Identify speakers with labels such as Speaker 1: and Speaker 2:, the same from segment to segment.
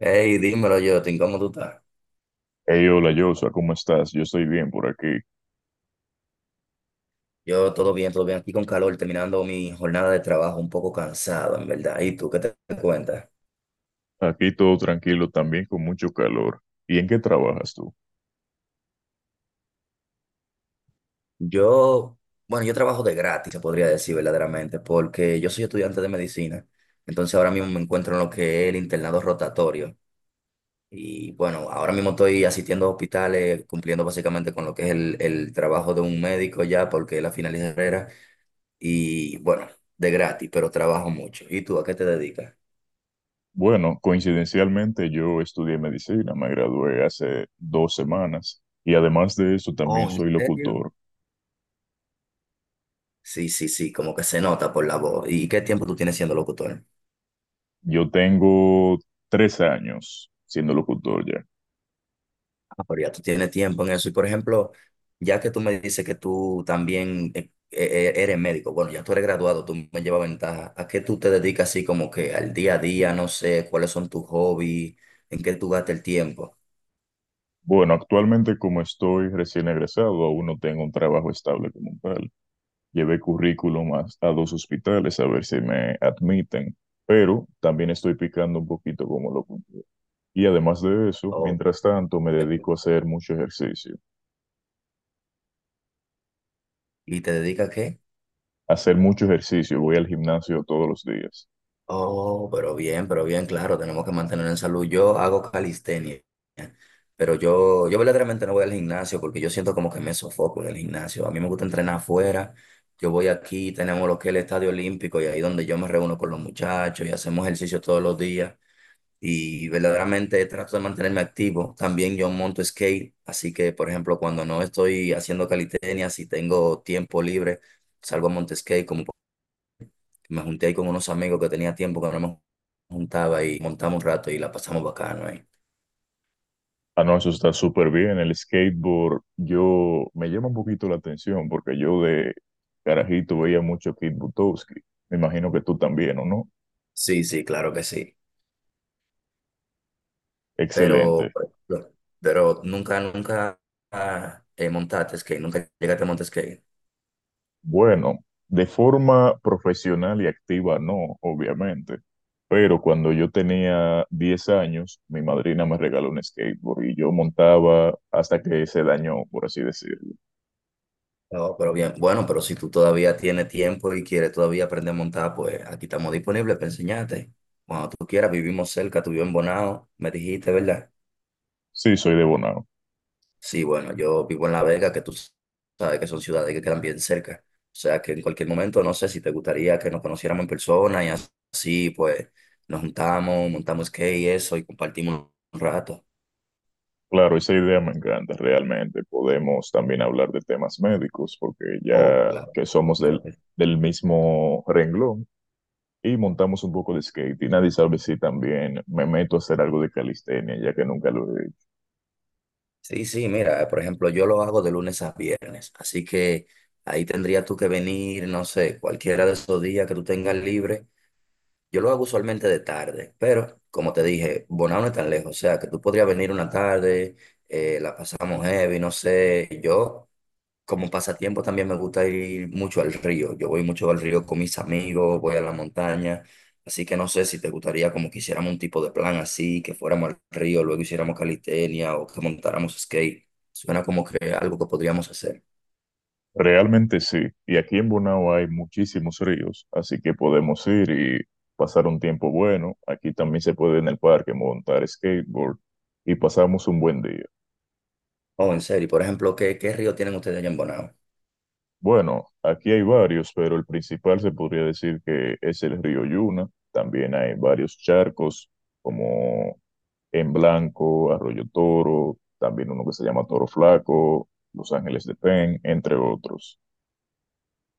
Speaker 1: Hey, dímelo, Jotin, ¿cómo tú estás?
Speaker 2: Hey, hola Joshua, ¿cómo estás? Yo estoy bien por aquí.
Speaker 1: Yo todo bien, todo bien. Aquí con calor, terminando mi jornada de trabajo, un poco cansado, en verdad. ¿Y tú qué te cuentas?
Speaker 2: Aquí todo tranquilo, también con mucho calor. ¿Y en qué trabajas tú?
Speaker 1: Yo, bueno, yo trabajo de gratis, se podría decir verdaderamente, porque yo soy estudiante de medicina. Entonces ahora mismo me encuentro en lo que es el internado rotatorio. Y bueno, ahora mismo estoy asistiendo a hospitales, cumpliendo básicamente con lo que es el trabajo de un médico ya, porque es la final de carrera. Y bueno, de gratis, pero trabajo mucho. ¿Y tú a qué te dedicas?
Speaker 2: Bueno, coincidencialmente yo estudié medicina, me gradué hace 2 semanas y además de eso también
Speaker 1: Oh, ¿en
Speaker 2: soy
Speaker 1: serio?
Speaker 2: locutor.
Speaker 1: Sí, sí, sí, como que se nota por la voz. ¿Y qué tiempo tú tienes siendo locutor?
Speaker 2: Yo tengo 3 años siendo locutor ya.
Speaker 1: Ah, pero ya tú tienes tiempo en eso. Y por ejemplo, ya que tú me dices que tú también eres médico, bueno, ya tú eres graduado, tú me llevas ventaja. ¿A qué tú te dedicas así como que al día a día? No sé, ¿cuáles son tus hobbies? ¿En qué tú gastas el tiempo?
Speaker 2: Bueno, actualmente como estoy recién egresado, aún no tengo un trabajo estable como tal. Llevé currículum a dos hospitales a ver si me admiten, pero también estoy picando un poquito como lo. Y además de eso,
Speaker 1: O-
Speaker 2: mientras tanto, me
Speaker 1: eh,
Speaker 2: dedico a hacer mucho ejercicio.
Speaker 1: ¿Y te dedicas a qué?
Speaker 2: Hacer mucho ejercicio, voy al gimnasio todos los días.
Speaker 1: Oh, pero bien, claro, tenemos que mantener en salud. Yo hago calistenia, pero yo verdaderamente no voy al gimnasio porque yo siento como que me sofoco en el gimnasio. A mí me gusta entrenar afuera. Yo voy aquí, tenemos lo que es el Estadio Olímpico y ahí donde yo me reúno con los muchachos y hacemos ejercicio todos los días. Y verdaderamente trato de mantenerme activo. También yo monto skate, así que, por ejemplo, cuando no estoy haciendo calistenia, si tengo tiempo libre, salgo a montar skate como me junté ahí con unos amigos que tenía tiempo que no me juntaba y montamos un rato y la pasamos bacano ahí.
Speaker 2: Ah, no, eso está súper bien. El skateboard, yo me llama un poquito la atención porque yo de carajito veía mucho a Kid Butowski. Me imagino que tú también, ¿o no?
Speaker 1: Sí, sí, claro que sí. Pero,
Speaker 2: Excelente.
Speaker 1: por ejemplo, pero nunca, nunca montaste skate, nunca llegaste a montar skate.
Speaker 2: Bueno, de forma profesional y activa no, obviamente, pero cuando yo tenía 10 años, mi madrina me regaló un skateboard y yo montaba hasta que se dañó, por así decirlo.
Speaker 1: No, pero bien, bueno, pero si tú todavía tienes tiempo y quieres todavía aprender a montar, pues aquí estamos disponibles para enseñarte. Cuando tú quieras, vivimos cerca, tú vives en Bonao, me dijiste, ¿verdad?
Speaker 2: Sí, soy de Bonao.
Speaker 1: Sí, bueno, yo vivo en La Vega, que tú sabes que son ciudades que quedan bien cerca. O sea que en cualquier momento, no sé si te gustaría que nos conociéramos en persona y así, pues nos juntamos, montamos skate y eso y compartimos un rato.
Speaker 2: Claro, esa idea me encanta realmente. Podemos también hablar de temas médicos porque
Speaker 1: Oh,
Speaker 2: ya
Speaker 1: claro,
Speaker 2: que
Speaker 1: sí,
Speaker 2: somos
Speaker 1: claro
Speaker 2: del,
Speaker 1: que
Speaker 2: del mismo renglón y montamos un poco de skate y nadie sabe si también me meto a hacer algo de calistenia ya que nunca lo he hecho.
Speaker 1: sí, sí, sí, mira, por ejemplo, yo lo hago de lunes a viernes, así que ahí tendrías tú que venir, no sé, cualquiera de esos días que tú tengas libre. Yo lo hago usualmente de tarde, pero como te dije, Bonao no es tan lejos, o sea, que tú podrías venir una tarde, la pasamos heavy, no sé, yo como pasatiempo también me gusta ir mucho al río, yo voy mucho al río con mis amigos, voy a la montaña, así que no sé si te gustaría como que hiciéramos un tipo de plan así, que fuéramos al río, luego hiciéramos calistenia o que montáramos skate, suena como que algo que podríamos hacer.
Speaker 2: Realmente sí, y aquí en Bonao hay muchísimos ríos, así que podemos ir y pasar un tiempo bueno. Aquí también se puede en el parque montar skateboard y pasamos un buen día.
Speaker 1: Oh, en serio, por ejemplo, qué río tienen ustedes allá en Bonao?
Speaker 2: Bueno, aquí hay varios, pero el principal se podría decir que es el río Yuna. También hay varios charcos como En Blanco, Arroyo Toro, también uno que se llama Toro Flaco, Los Ángeles de Pen, entre otros.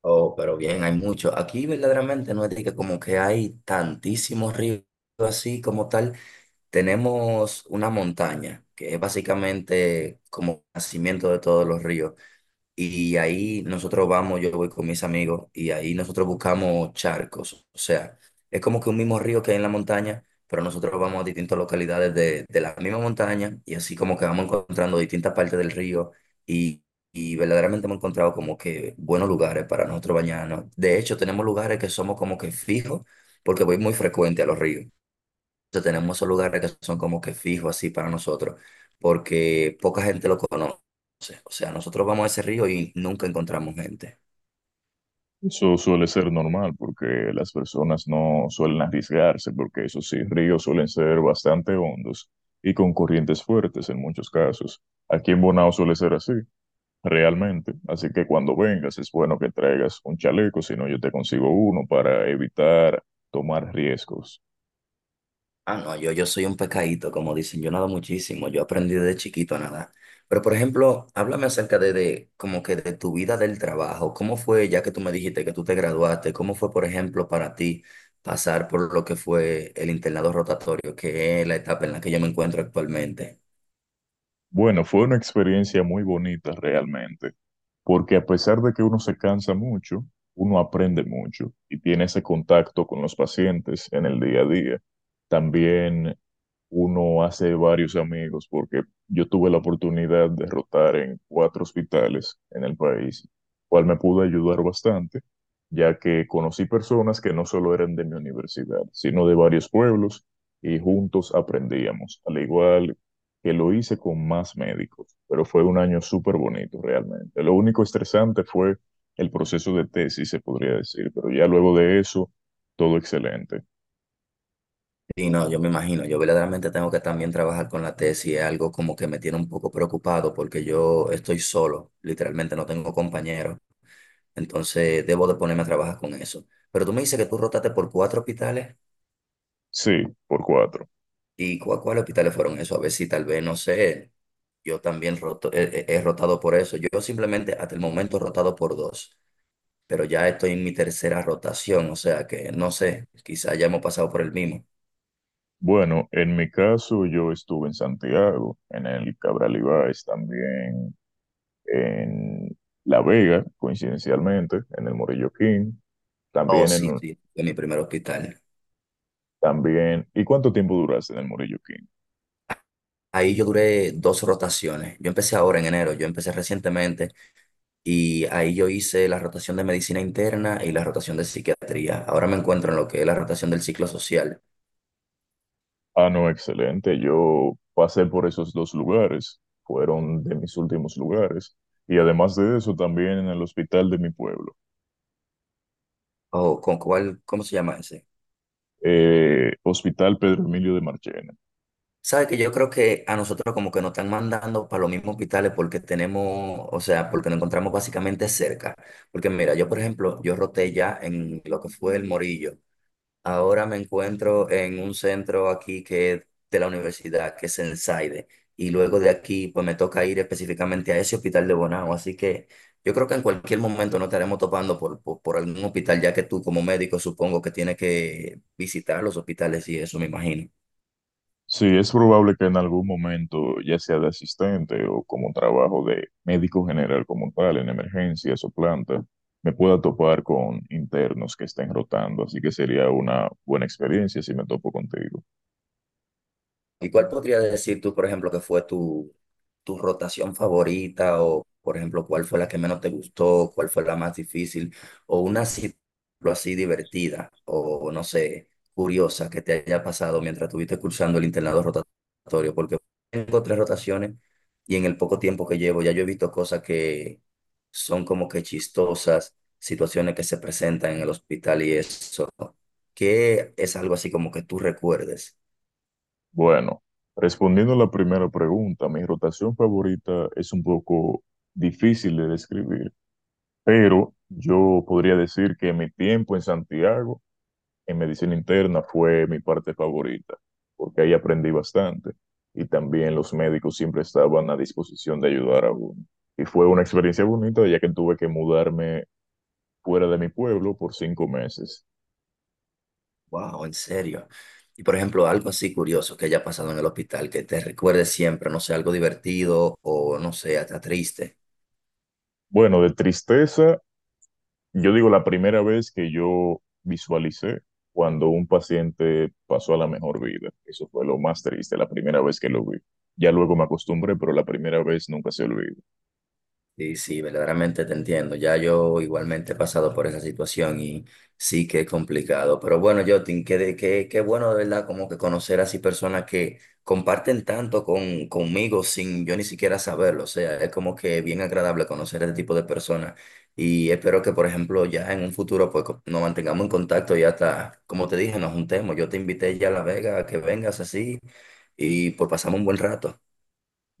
Speaker 1: Oh, pero bien, hay mucho. Aquí verdaderamente no es de que como que hay tantísimos ríos así como tal. Tenemos una montaña que es básicamente como nacimiento de todos los ríos. Y ahí nosotros vamos, yo voy con mis amigos y ahí nosotros buscamos charcos. O sea, es como que un mismo río que hay en la montaña, pero nosotros vamos a distintas localidades de la misma montaña y así como que vamos encontrando distintas partes del río y, y verdaderamente hemos encontrado como que buenos lugares para nosotros bañarnos. De hecho, tenemos lugares que somos como que fijos porque voy muy frecuente a los ríos, sea, tenemos esos lugares que son como que fijos así para nosotros, porque poca gente lo conoce. O sea, nosotros vamos a ese río y nunca encontramos gente.
Speaker 2: Eso suele ser normal porque las personas no suelen arriesgarse porque esos sí, ríos suelen ser bastante hondos y con corrientes fuertes en muchos casos. Aquí en Bonao suele ser así, realmente. Así que cuando vengas es bueno que traigas un chaleco, si no yo te consigo uno para evitar tomar riesgos.
Speaker 1: Ah, no, yo soy un pescadito, como dicen, yo nado muchísimo, yo aprendí desde chiquito a nadar. Pero, por ejemplo, háblame acerca de como que de tu vida del trabajo. ¿Cómo fue, ya que tú me dijiste que tú te graduaste, cómo fue, por ejemplo, para ti pasar por lo que fue el internado rotatorio, que es la etapa en la que yo me encuentro actualmente?
Speaker 2: Bueno, fue una experiencia muy bonita realmente, porque a pesar de que uno se cansa mucho, uno aprende mucho y tiene ese contacto con los pacientes en el día a día. También uno hace varios amigos, porque yo tuve la oportunidad de rotar en cuatro hospitales en el país, cual me pudo ayudar bastante, ya que conocí personas que no solo eran de mi universidad, sino de varios pueblos y juntos aprendíamos, al igual que lo hice con más médicos, pero fue un año súper bonito realmente. Lo único estresante fue el proceso de tesis, se podría decir, pero ya luego de eso, todo excelente.
Speaker 1: Sí, no, yo me imagino, yo verdaderamente tengo que también trabajar con la tesis, es algo como que me tiene un poco preocupado porque yo estoy solo, literalmente no tengo compañeros, entonces debo de ponerme a trabajar con eso. Pero tú me dices que tú rotaste por cuatro hospitales
Speaker 2: Sí, por cuatro.
Speaker 1: y ¿cuáles hospitales fueron esos? A ver si tal vez, no sé, yo también he rotado por eso, yo simplemente hasta el momento he rotado por dos, pero ya estoy en mi tercera rotación, o sea que no sé, quizás ya hemos pasado por el mismo.
Speaker 2: Bueno, en mi caso yo estuve en Santiago, en el Cabral Ibáez también, en La Vega, coincidencialmente, en el Morillo King,
Speaker 1: Oh,
Speaker 2: también
Speaker 1: sí,
Speaker 2: en.
Speaker 1: sí, fue mi primer hospital.
Speaker 2: También, ¿y cuánto tiempo duraste en el Morillo King?
Speaker 1: Ahí yo duré dos rotaciones. Yo empecé ahora en enero, yo empecé recientemente y ahí yo hice la rotación de medicina interna y la rotación de psiquiatría. Ahora me encuentro en lo que es la rotación del ciclo social.
Speaker 2: Ah, no, excelente. Yo pasé por esos dos lugares, fueron de mis últimos lugares. Y además de eso, también en el hospital de mi pueblo,
Speaker 1: O con cuál, ¿cómo se llama ese?
Speaker 2: Hospital Pedro Emilio de Marchena.
Speaker 1: Sabe que yo creo que a nosotros como que nos están mandando para los mismos hospitales porque tenemos, o sea, porque nos encontramos básicamente cerca. Porque mira, yo por ejemplo, yo roté ya en lo que fue el Morillo. Ahora me encuentro en un centro aquí que es de la universidad, que es el SAIDE, y luego de aquí pues me toca ir específicamente a ese hospital de Bonao, así que yo creo que en cualquier momento nos estaremos topando por algún hospital, ya que tú como médico supongo que tienes que visitar los hospitales y eso, me imagino.
Speaker 2: Sí, es probable que en algún momento, ya sea de asistente o como trabajo de médico general como tal, en emergencias o planta, me pueda topar con internos que estén rotando, así que sería una buena experiencia si me topo contigo.
Speaker 1: ¿Y cuál podría decir tú, por ejemplo, que fue tu rotación favorita? O, por ejemplo, ¿cuál fue la que menos te gustó? ¿Cuál fue la más difícil? O una situación así divertida o, no sé, curiosa que te haya pasado mientras estuviste cursando el internado rotatorio. Porque tengo tres rotaciones y en el poco tiempo que llevo ya yo he visto cosas que son como que chistosas, situaciones que se presentan en el hospital y eso. ¿Qué es algo así como que tú recuerdes?
Speaker 2: Bueno, respondiendo a la primera pregunta, mi rotación favorita es un poco difícil de describir, pero yo podría decir que mi tiempo en Santiago, en medicina interna, fue mi parte favorita, porque ahí aprendí bastante y también los médicos siempre estaban a disposición de ayudar a uno. Y fue una experiencia bonita, ya que tuve que mudarme fuera de mi pueblo por 5 meses.
Speaker 1: Wow, en serio. Y por ejemplo, algo así curioso que haya pasado en el hospital, que te recuerde siempre, no sé, algo divertido o no sé, hasta triste.
Speaker 2: Bueno, de tristeza. Yo digo, la primera vez que yo visualicé cuando un paciente pasó a la mejor vida, eso fue lo más triste, la primera vez que lo vi. Ya luego me acostumbré, pero la primera vez nunca se olvida.
Speaker 1: Sí, sí, verdaderamente te entiendo. Ya yo igualmente he pasado por esa situación y sí que es complicado. Pero bueno, Jotin, qué, qué, qué bueno de verdad como que conocer así personas que comparten tanto con, conmigo sin yo ni siquiera saberlo. O sea, es como que bien agradable conocer este tipo de personas. Y espero que, por ejemplo, ya en un futuro pues nos mantengamos en contacto y hasta, como te dije, nos juntemos. Yo te invité ya a La Vega a que vengas así y pues pasamos un buen rato.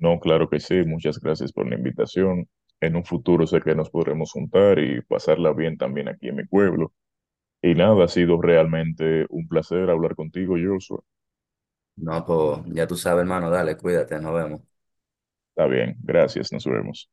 Speaker 2: No, claro que sí, muchas gracias por la invitación. En un futuro sé que nos podremos juntar y pasarla bien también aquí en mi pueblo. Y nada, ha sido realmente un placer hablar contigo, Joshua.
Speaker 1: No, pues ya tú sabes, hermano, dale, cuídate, nos vemos.
Speaker 2: Está bien, gracias, nos vemos.